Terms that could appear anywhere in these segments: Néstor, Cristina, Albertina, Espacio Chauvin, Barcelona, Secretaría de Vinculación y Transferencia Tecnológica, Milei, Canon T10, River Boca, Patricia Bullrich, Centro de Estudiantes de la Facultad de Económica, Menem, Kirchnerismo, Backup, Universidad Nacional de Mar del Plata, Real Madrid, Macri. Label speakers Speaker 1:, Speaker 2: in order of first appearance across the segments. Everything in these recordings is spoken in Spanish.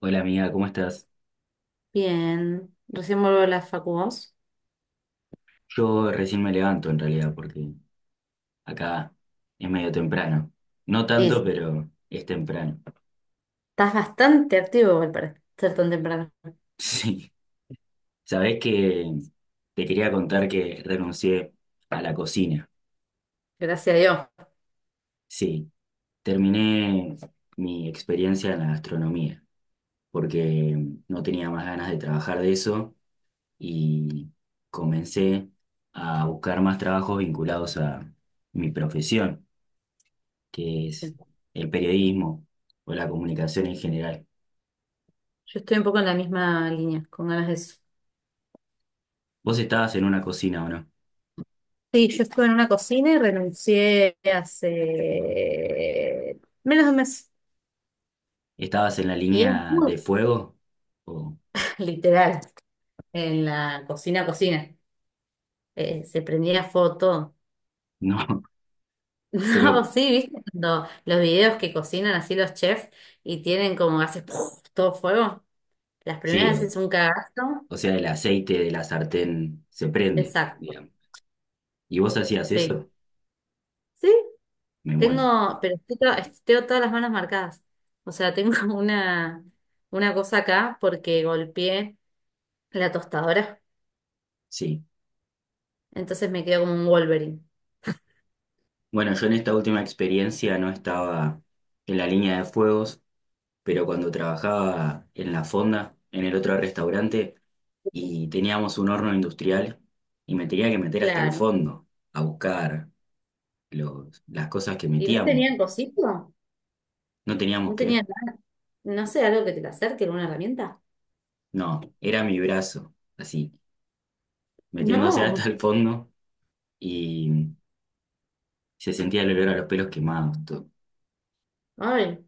Speaker 1: Hola amiga, ¿cómo estás?
Speaker 2: Bien, recién vuelvo de la facu vos.
Speaker 1: Yo recién me levanto en realidad porque acá es medio temprano. No
Speaker 2: Y sí,
Speaker 1: tanto, pero es temprano.
Speaker 2: estás bastante activo igual para ser tan temprano.
Speaker 1: Sí. Sabés que te quería contar que renuncié a la cocina.
Speaker 2: Gracias a Dios.
Speaker 1: Sí, terminé mi experiencia en la gastronomía porque no tenía más ganas de trabajar de eso y comencé a buscar más trabajos vinculados a mi profesión, que es
Speaker 2: Sí.
Speaker 1: el periodismo o la comunicación en
Speaker 2: Yo
Speaker 1: general.
Speaker 2: estoy un poco en la misma línea, con ganas de eso.
Speaker 1: ¿Vos estabas en una cocina o no?
Speaker 2: Sí, yo estuve en una cocina y renuncié hace menos de un mes.
Speaker 1: ¿Estabas en la
Speaker 2: Y es
Speaker 1: línea de
Speaker 2: muy
Speaker 1: fuego o
Speaker 2: literal, en la cocina, cocina. Se prendía foto.
Speaker 1: no?
Speaker 2: No,
Speaker 1: Pero
Speaker 2: sí, viste, cuando los videos que cocinan así los chefs y tienen como hace ¡puf! Todo fuego. Las
Speaker 1: sí,
Speaker 2: primeras veces es un cagazo.
Speaker 1: o sea, el aceite de la sartén se prende,
Speaker 2: Exacto.
Speaker 1: digamos. ¿Y vos hacías
Speaker 2: Sí.
Speaker 1: eso?
Speaker 2: Sí,
Speaker 1: Me muero.
Speaker 2: tengo, pero tengo todas las manos marcadas. O sea, tengo una cosa acá porque golpeé la tostadora.
Speaker 1: Sí.
Speaker 2: Entonces me quedo como un Wolverine.
Speaker 1: Bueno, yo en esta última experiencia no estaba en la línea de fuego, pero cuando trabajaba en la fonda, en el otro restaurante, y teníamos un horno industrial, y me tenía que meter hasta el
Speaker 2: Claro.
Speaker 1: fondo a buscar las cosas que
Speaker 2: ¿Y no
Speaker 1: metíamos.
Speaker 2: tenían cosito?
Speaker 1: No teníamos
Speaker 2: ¿No
Speaker 1: que,
Speaker 2: tenían nada? No sé, algo que te la acerque, alguna herramienta.
Speaker 1: no, era mi brazo, así, metiéndose hasta
Speaker 2: No.
Speaker 1: el fondo, y se sentía el olor a los pelos quemados, todo.
Speaker 2: Ay,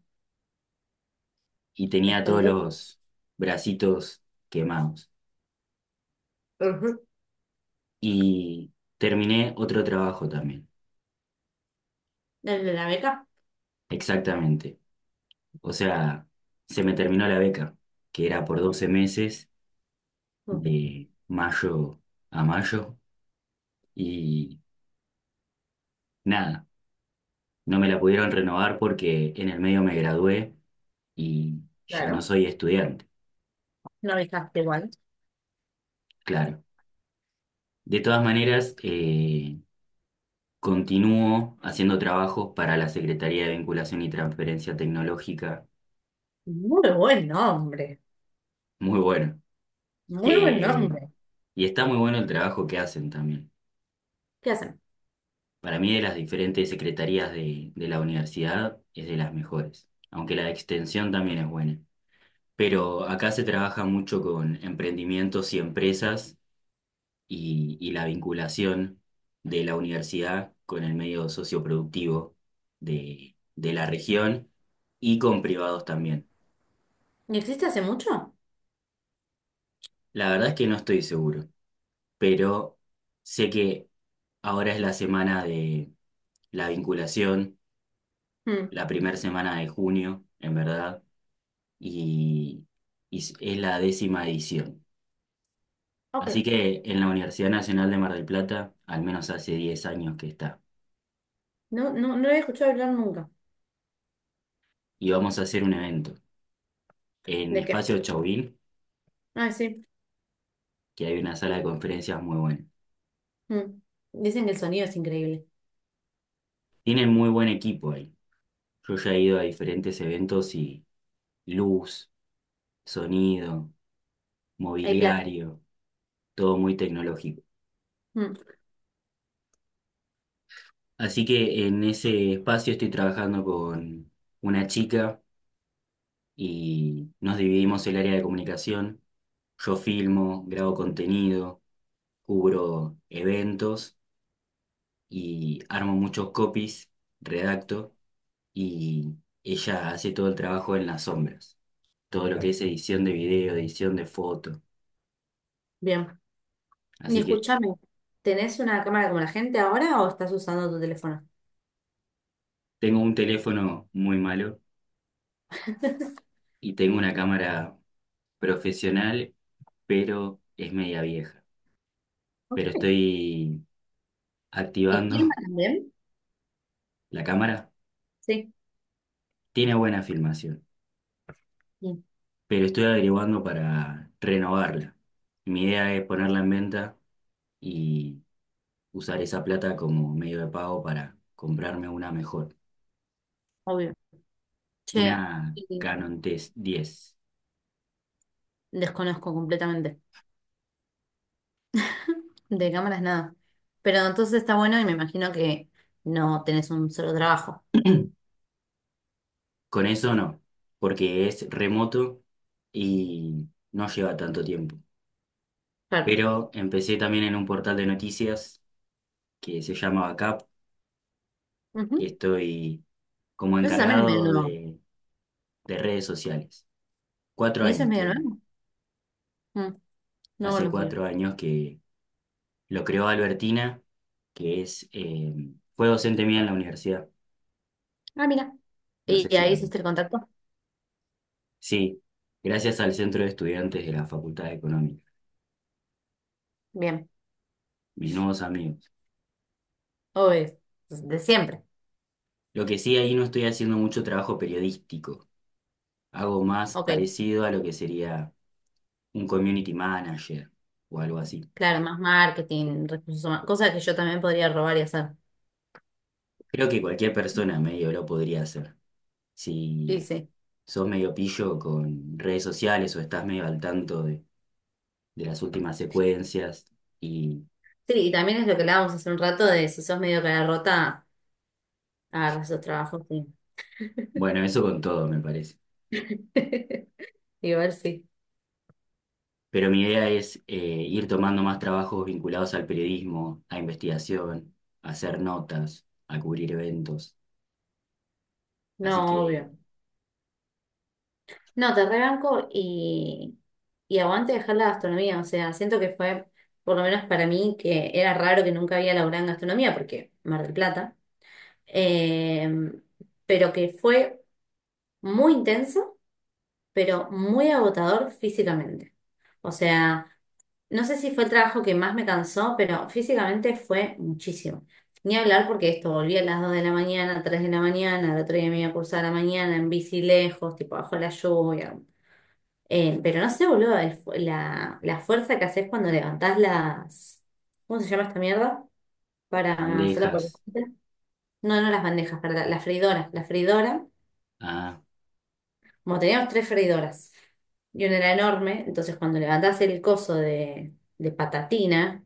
Speaker 1: Y tenía todos
Speaker 2: espantoso.
Speaker 1: los bracitos quemados.
Speaker 2: Ujú.
Speaker 1: Y terminé otro trabajo también,
Speaker 2: ¿El de la beca?
Speaker 1: exactamente. O sea, se me terminó la beca, que era por 12 meses,
Speaker 2: Mm.
Speaker 1: de mayo a mayo, y nada, no me la pudieron renovar porque en el medio me gradué y ya no
Speaker 2: Claro.
Speaker 1: soy estudiante,
Speaker 2: No avisaste igual.
Speaker 1: claro. De todas maneras, continúo haciendo trabajos para la Secretaría de Vinculación y Transferencia Tecnológica,
Speaker 2: Muy buen nombre.
Speaker 1: muy bueno,
Speaker 2: Muy buen
Speaker 1: que,
Speaker 2: nombre.
Speaker 1: y está muy bueno el trabajo que hacen también.
Speaker 2: ¿Qué hacen?
Speaker 1: Para mí de las diferentes secretarías de la universidad es de las mejores, aunque la de extensión también es buena.
Speaker 2: Mm.
Speaker 1: Pero acá se trabaja mucho con emprendimientos y empresas y la vinculación de la universidad con el medio socioproductivo de la región y con privados también.
Speaker 2: ¿Y existe hace mucho?
Speaker 1: La verdad es que no estoy seguro, pero sé que ahora es la semana de la vinculación,
Speaker 2: Mm.
Speaker 1: la primera semana de junio, en verdad y, y es la décima edición. Así
Speaker 2: Ok.
Speaker 1: que en la Universidad Nacional de Mar del Plata, al menos hace 10 años que está.
Speaker 2: No, no, no lo he escuchado hablar nunca.
Speaker 1: Y vamos a hacer un evento en
Speaker 2: ¿De qué?
Speaker 1: Espacio Chauvin,
Speaker 2: Ah, sí.
Speaker 1: que hay una sala de conferencias muy buena.
Speaker 2: Mm. Dicen que el sonido es increíble.
Speaker 1: Tienen muy buen equipo ahí. Yo ya he ido a diferentes eventos y luz, sonido,
Speaker 2: Hay plata.
Speaker 1: mobiliario, todo muy tecnológico.
Speaker 2: Mm.
Speaker 1: Así que en ese espacio estoy trabajando con una chica y nos dividimos el área de comunicación. Yo filmo, grabo contenido, cubro eventos y armo muchos copies, redacto y ella hace todo el trabajo en las sombras, todo lo que Claro. es edición de video, edición de foto.
Speaker 2: Bien. Y
Speaker 1: Así que
Speaker 2: escúchame, ¿tenés una cámara como la gente ahora o estás usando tu teléfono?
Speaker 1: tengo un teléfono muy malo y tengo una cámara profesional, pero es media vieja. Pero
Speaker 2: Ok.
Speaker 1: estoy
Speaker 2: ¿Y filma
Speaker 1: activando
Speaker 2: también?
Speaker 1: la cámara.
Speaker 2: Sí.
Speaker 1: Tiene buena filmación,
Speaker 2: Sí,
Speaker 1: pero estoy averiguando para renovarla. Mi idea es ponerla en venta y usar esa plata como medio de pago para comprarme una mejor,
Speaker 2: obvio.
Speaker 1: una
Speaker 2: Che, y
Speaker 1: Canon T10.
Speaker 2: desconozco completamente. De cámaras nada. Pero entonces está bueno y me imagino que no tenés un solo trabajo.
Speaker 1: Con eso no, porque es remoto y no lleva tanto tiempo.
Speaker 2: Claro.
Speaker 1: Pero empecé también en un portal de noticias que se llama Backup, que
Speaker 2: Ujú.
Speaker 1: estoy como
Speaker 2: Eso también es
Speaker 1: encargado
Speaker 2: medio nuevo.
Speaker 1: de redes sociales. Cuatro
Speaker 2: ¿Y eso es
Speaker 1: años
Speaker 2: medio
Speaker 1: tiene.
Speaker 2: nuevo? Mm. No
Speaker 1: Hace
Speaker 2: conocía.
Speaker 1: 4 años que Lo creó Albertina, que es, fue docente mía en la universidad.
Speaker 2: Ah, mira.
Speaker 1: No sé
Speaker 2: ¿Y
Speaker 1: si
Speaker 2: ahí
Speaker 1: la...
Speaker 2: hiciste el contacto?
Speaker 1: Sí, gracias al Centro de Estudiantes de la Facultad de Económica,
Speaker 2: Bien.
Speaker 1: mis nuevos amigos.
Speaker 2: Obvio. De siempre.
Speaker 1: Lo que sí, ahí no estoy haciendo mucho trabajo periodístico. Hago más
Speaker 2: Ok.
Speaker 1: parecido a lo que sería un community manager o algo así.
Speaker 2: Claro, más marketing, recursos humanos, cosas que yo también podría robar y hacer.
Speaker 1: Creo que cualquier persona medio lo podría hacer. Si
Speaker 2: Sí, sí.
Speaker 1: sos medio pillo con redes sociales o estás medio al tanto de las últimas secuencias y
Speaker 2: Sí, y también es lo que hablábamos hace un rato de si sos medio cara rota, agarras esos trabajos. Sí.
Speaker 1: bueno, eso con todo, me parece.
Speaker 2: Igual sí.
Speaker 1: Pero mi idea es ir tomando más trabajos vinculados al periodismo, a investigación, a hacer notas, a cubrir eventos. Así
Speaker 2: No,
Speaker 1: que
Speaker 2: obvio. No, te rebanco y aguante dejar la gastronomía. O sea, siento que fue, por lo menos para mí, que era raro que nunca había laburado en gastronomía, porque Mar del Plata. eh, pero que fue muy intenso, pero muy agotador físicamente. O sea, no sé si fue el trabajo que más me cansó, pero físicamente fue muchísimo. Ni hablar porque esto volví a las 2 de la mañana, 3 de la mañana, el otro día me iba a cursar a la mañana en bici lejos, tipo bajo la lluvia. Pero no sé, boludo, la fuerza que haces cuando levantás las... ¿Cómo se llama esta mierda?
Speaker 1: las
Speaker 2: Para hacer la
Speaker 1: bandejas.
Speaker 2: papeleta. No, no las bandejas, para las freidoras. La freidora,
Speaker 1: Ah,
Speaker 2: como teníamos tres freidoras y una era enorme, entonces cuando levantás el coso de patatina,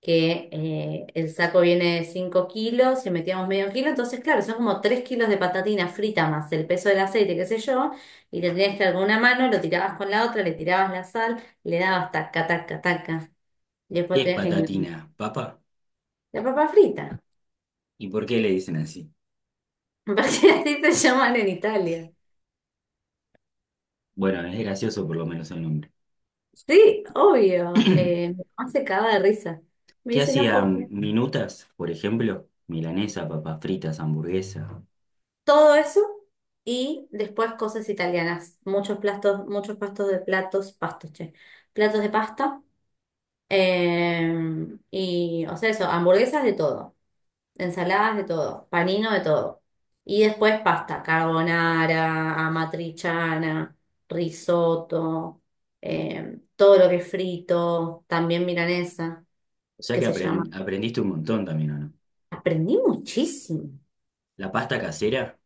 Speaker 2: que el saco viene de 5 kilos, si metíamos 1/2 kilo, entonces claro, son como 3 kilos de patatina frita más el peso del aceite, qué sé yo, y le tenías que dar con una mano, lo tirabas con la otra, le tirabas la sal, le dabas taca, taca, taca, y después
Speaker 1: ¿qué es
Speaker 2: tenías que... engan-
Speaker 1: patatina? ¿Papa?
Speaker 2: La papa frita,
Speaker 1: ¿Y por qué le dicen así?
Speaker 2: parece así se llaman en Italia.
Speaker 1: Bueno, es gracioso por lo menos el nombre.
Speaker 2: Sí, obvio, mi mamá se cagaba de risa. Me
Speaker 1: ¿Qué
Speaker 2: dice, no puedo.
Speaker 1: hacían minutas, por ejemplo? Milanesa, papas fritas, hamburguesa.
Speaker 2: Todo eso y después cosas italianas. Muchos platos, muchos pastos de platos, pastos, che. Platos de pasta. Y, o sea, eso, hamburguesas de todo. Ensaladas de todo, panino de todo. Y después pasta, carbonara, amatriciana, risotto, todo lo que es frito, también milanesa,
Speaker 1: O sea
Speaker 2: que
Speaker 1: que
Speaker 2: se llama.
Speaker 1: aprendiste un montón también, ¿o no?
Speaker 2: Aprendí muchísimo.
Speaker 1: La pasta casera,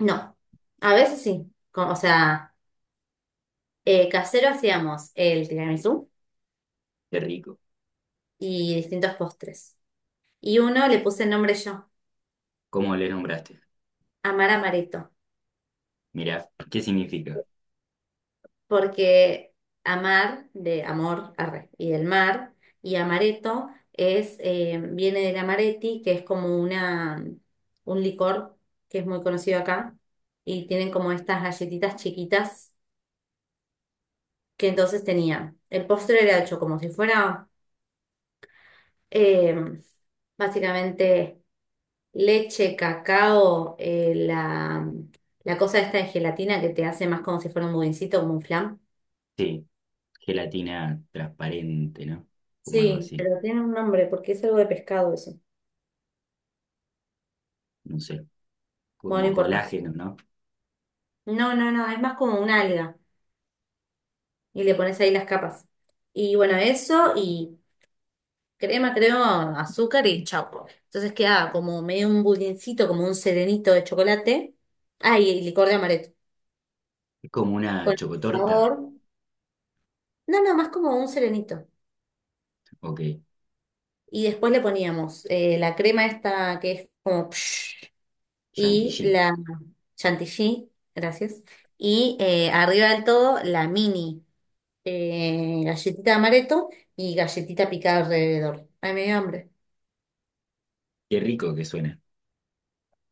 Speaker 2: No, a veces sí. O sea, casero hacíamos el tiramisú
Speaker 1: qué rico.
Speaker 2: y distintos postres. Y uno le puse el nombre yo,
Speaker 1: ¿Cómo le nombraste?
Speaker 2: Amar Amaretto,
Speaker 1: Mirá, ¿qué significa?
Speaker 2: porque amar de amor arre, y del mar, y amaretto es, viene del amaretti, que es como una, un licor que es muy conocido acá, y tienen como estas galletitas chiquitas que entonces tenían. El postre era hecho como si fuera Eh, básicamente leche, cacao, la, la cosa esta de gelatina que te hace más como si fuera un budincito, como un flan.
Speaker 1: Sí, gelatina transparente, ¿no? Como algo
Speaker 2: Sí,
Speaker 1: así,
Speaker 2: pero tiene un nombre porque es algo de pescado eso.
Speaker 1: no sé,
Speaker 2: Bueno, no
Speaker 1: como
Speaker 2: importa.
Speaker 1: colágeno, ¿no?
Speaker 2: No, no, no, es más como una alga y le pones ahí las capas. Y bueno, eso y crema, creo, azúcar y chau. Entonces queda como medio un budincito, como un serenito de chocolate. Ah, y licor de amaretto.
Speaker 1: Es como una
Speaker 2: Con sabor.
Speaker 1: chocotorta,
Speaker 2: No, no, más como un serenito.
Speaker 1: ok,
Speaker 2: Y después le poníamos la crema esta que es como psh, y
Speaker 1: chantilly.
Speaker 2: la chantilly, gracias. Y arriba del todo la mini galletita de amaretto y galletita picada alrededor. Ay, me dio hambre.
Speaker 1: Qué rico que suena.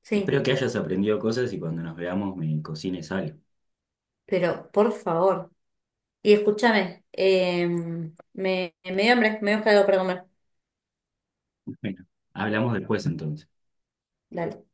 Speaker 2: Sí,
Speaker 1: Espero que hayas aprendido cosas y cuando nos veamos me cocines algo.
Speaker 2: pero por favor. Y escúchame, me dio hambre, me dio algo para comer.
Speaker 1: Bueno, hablamos después entonces.
Speaker 2: Dale.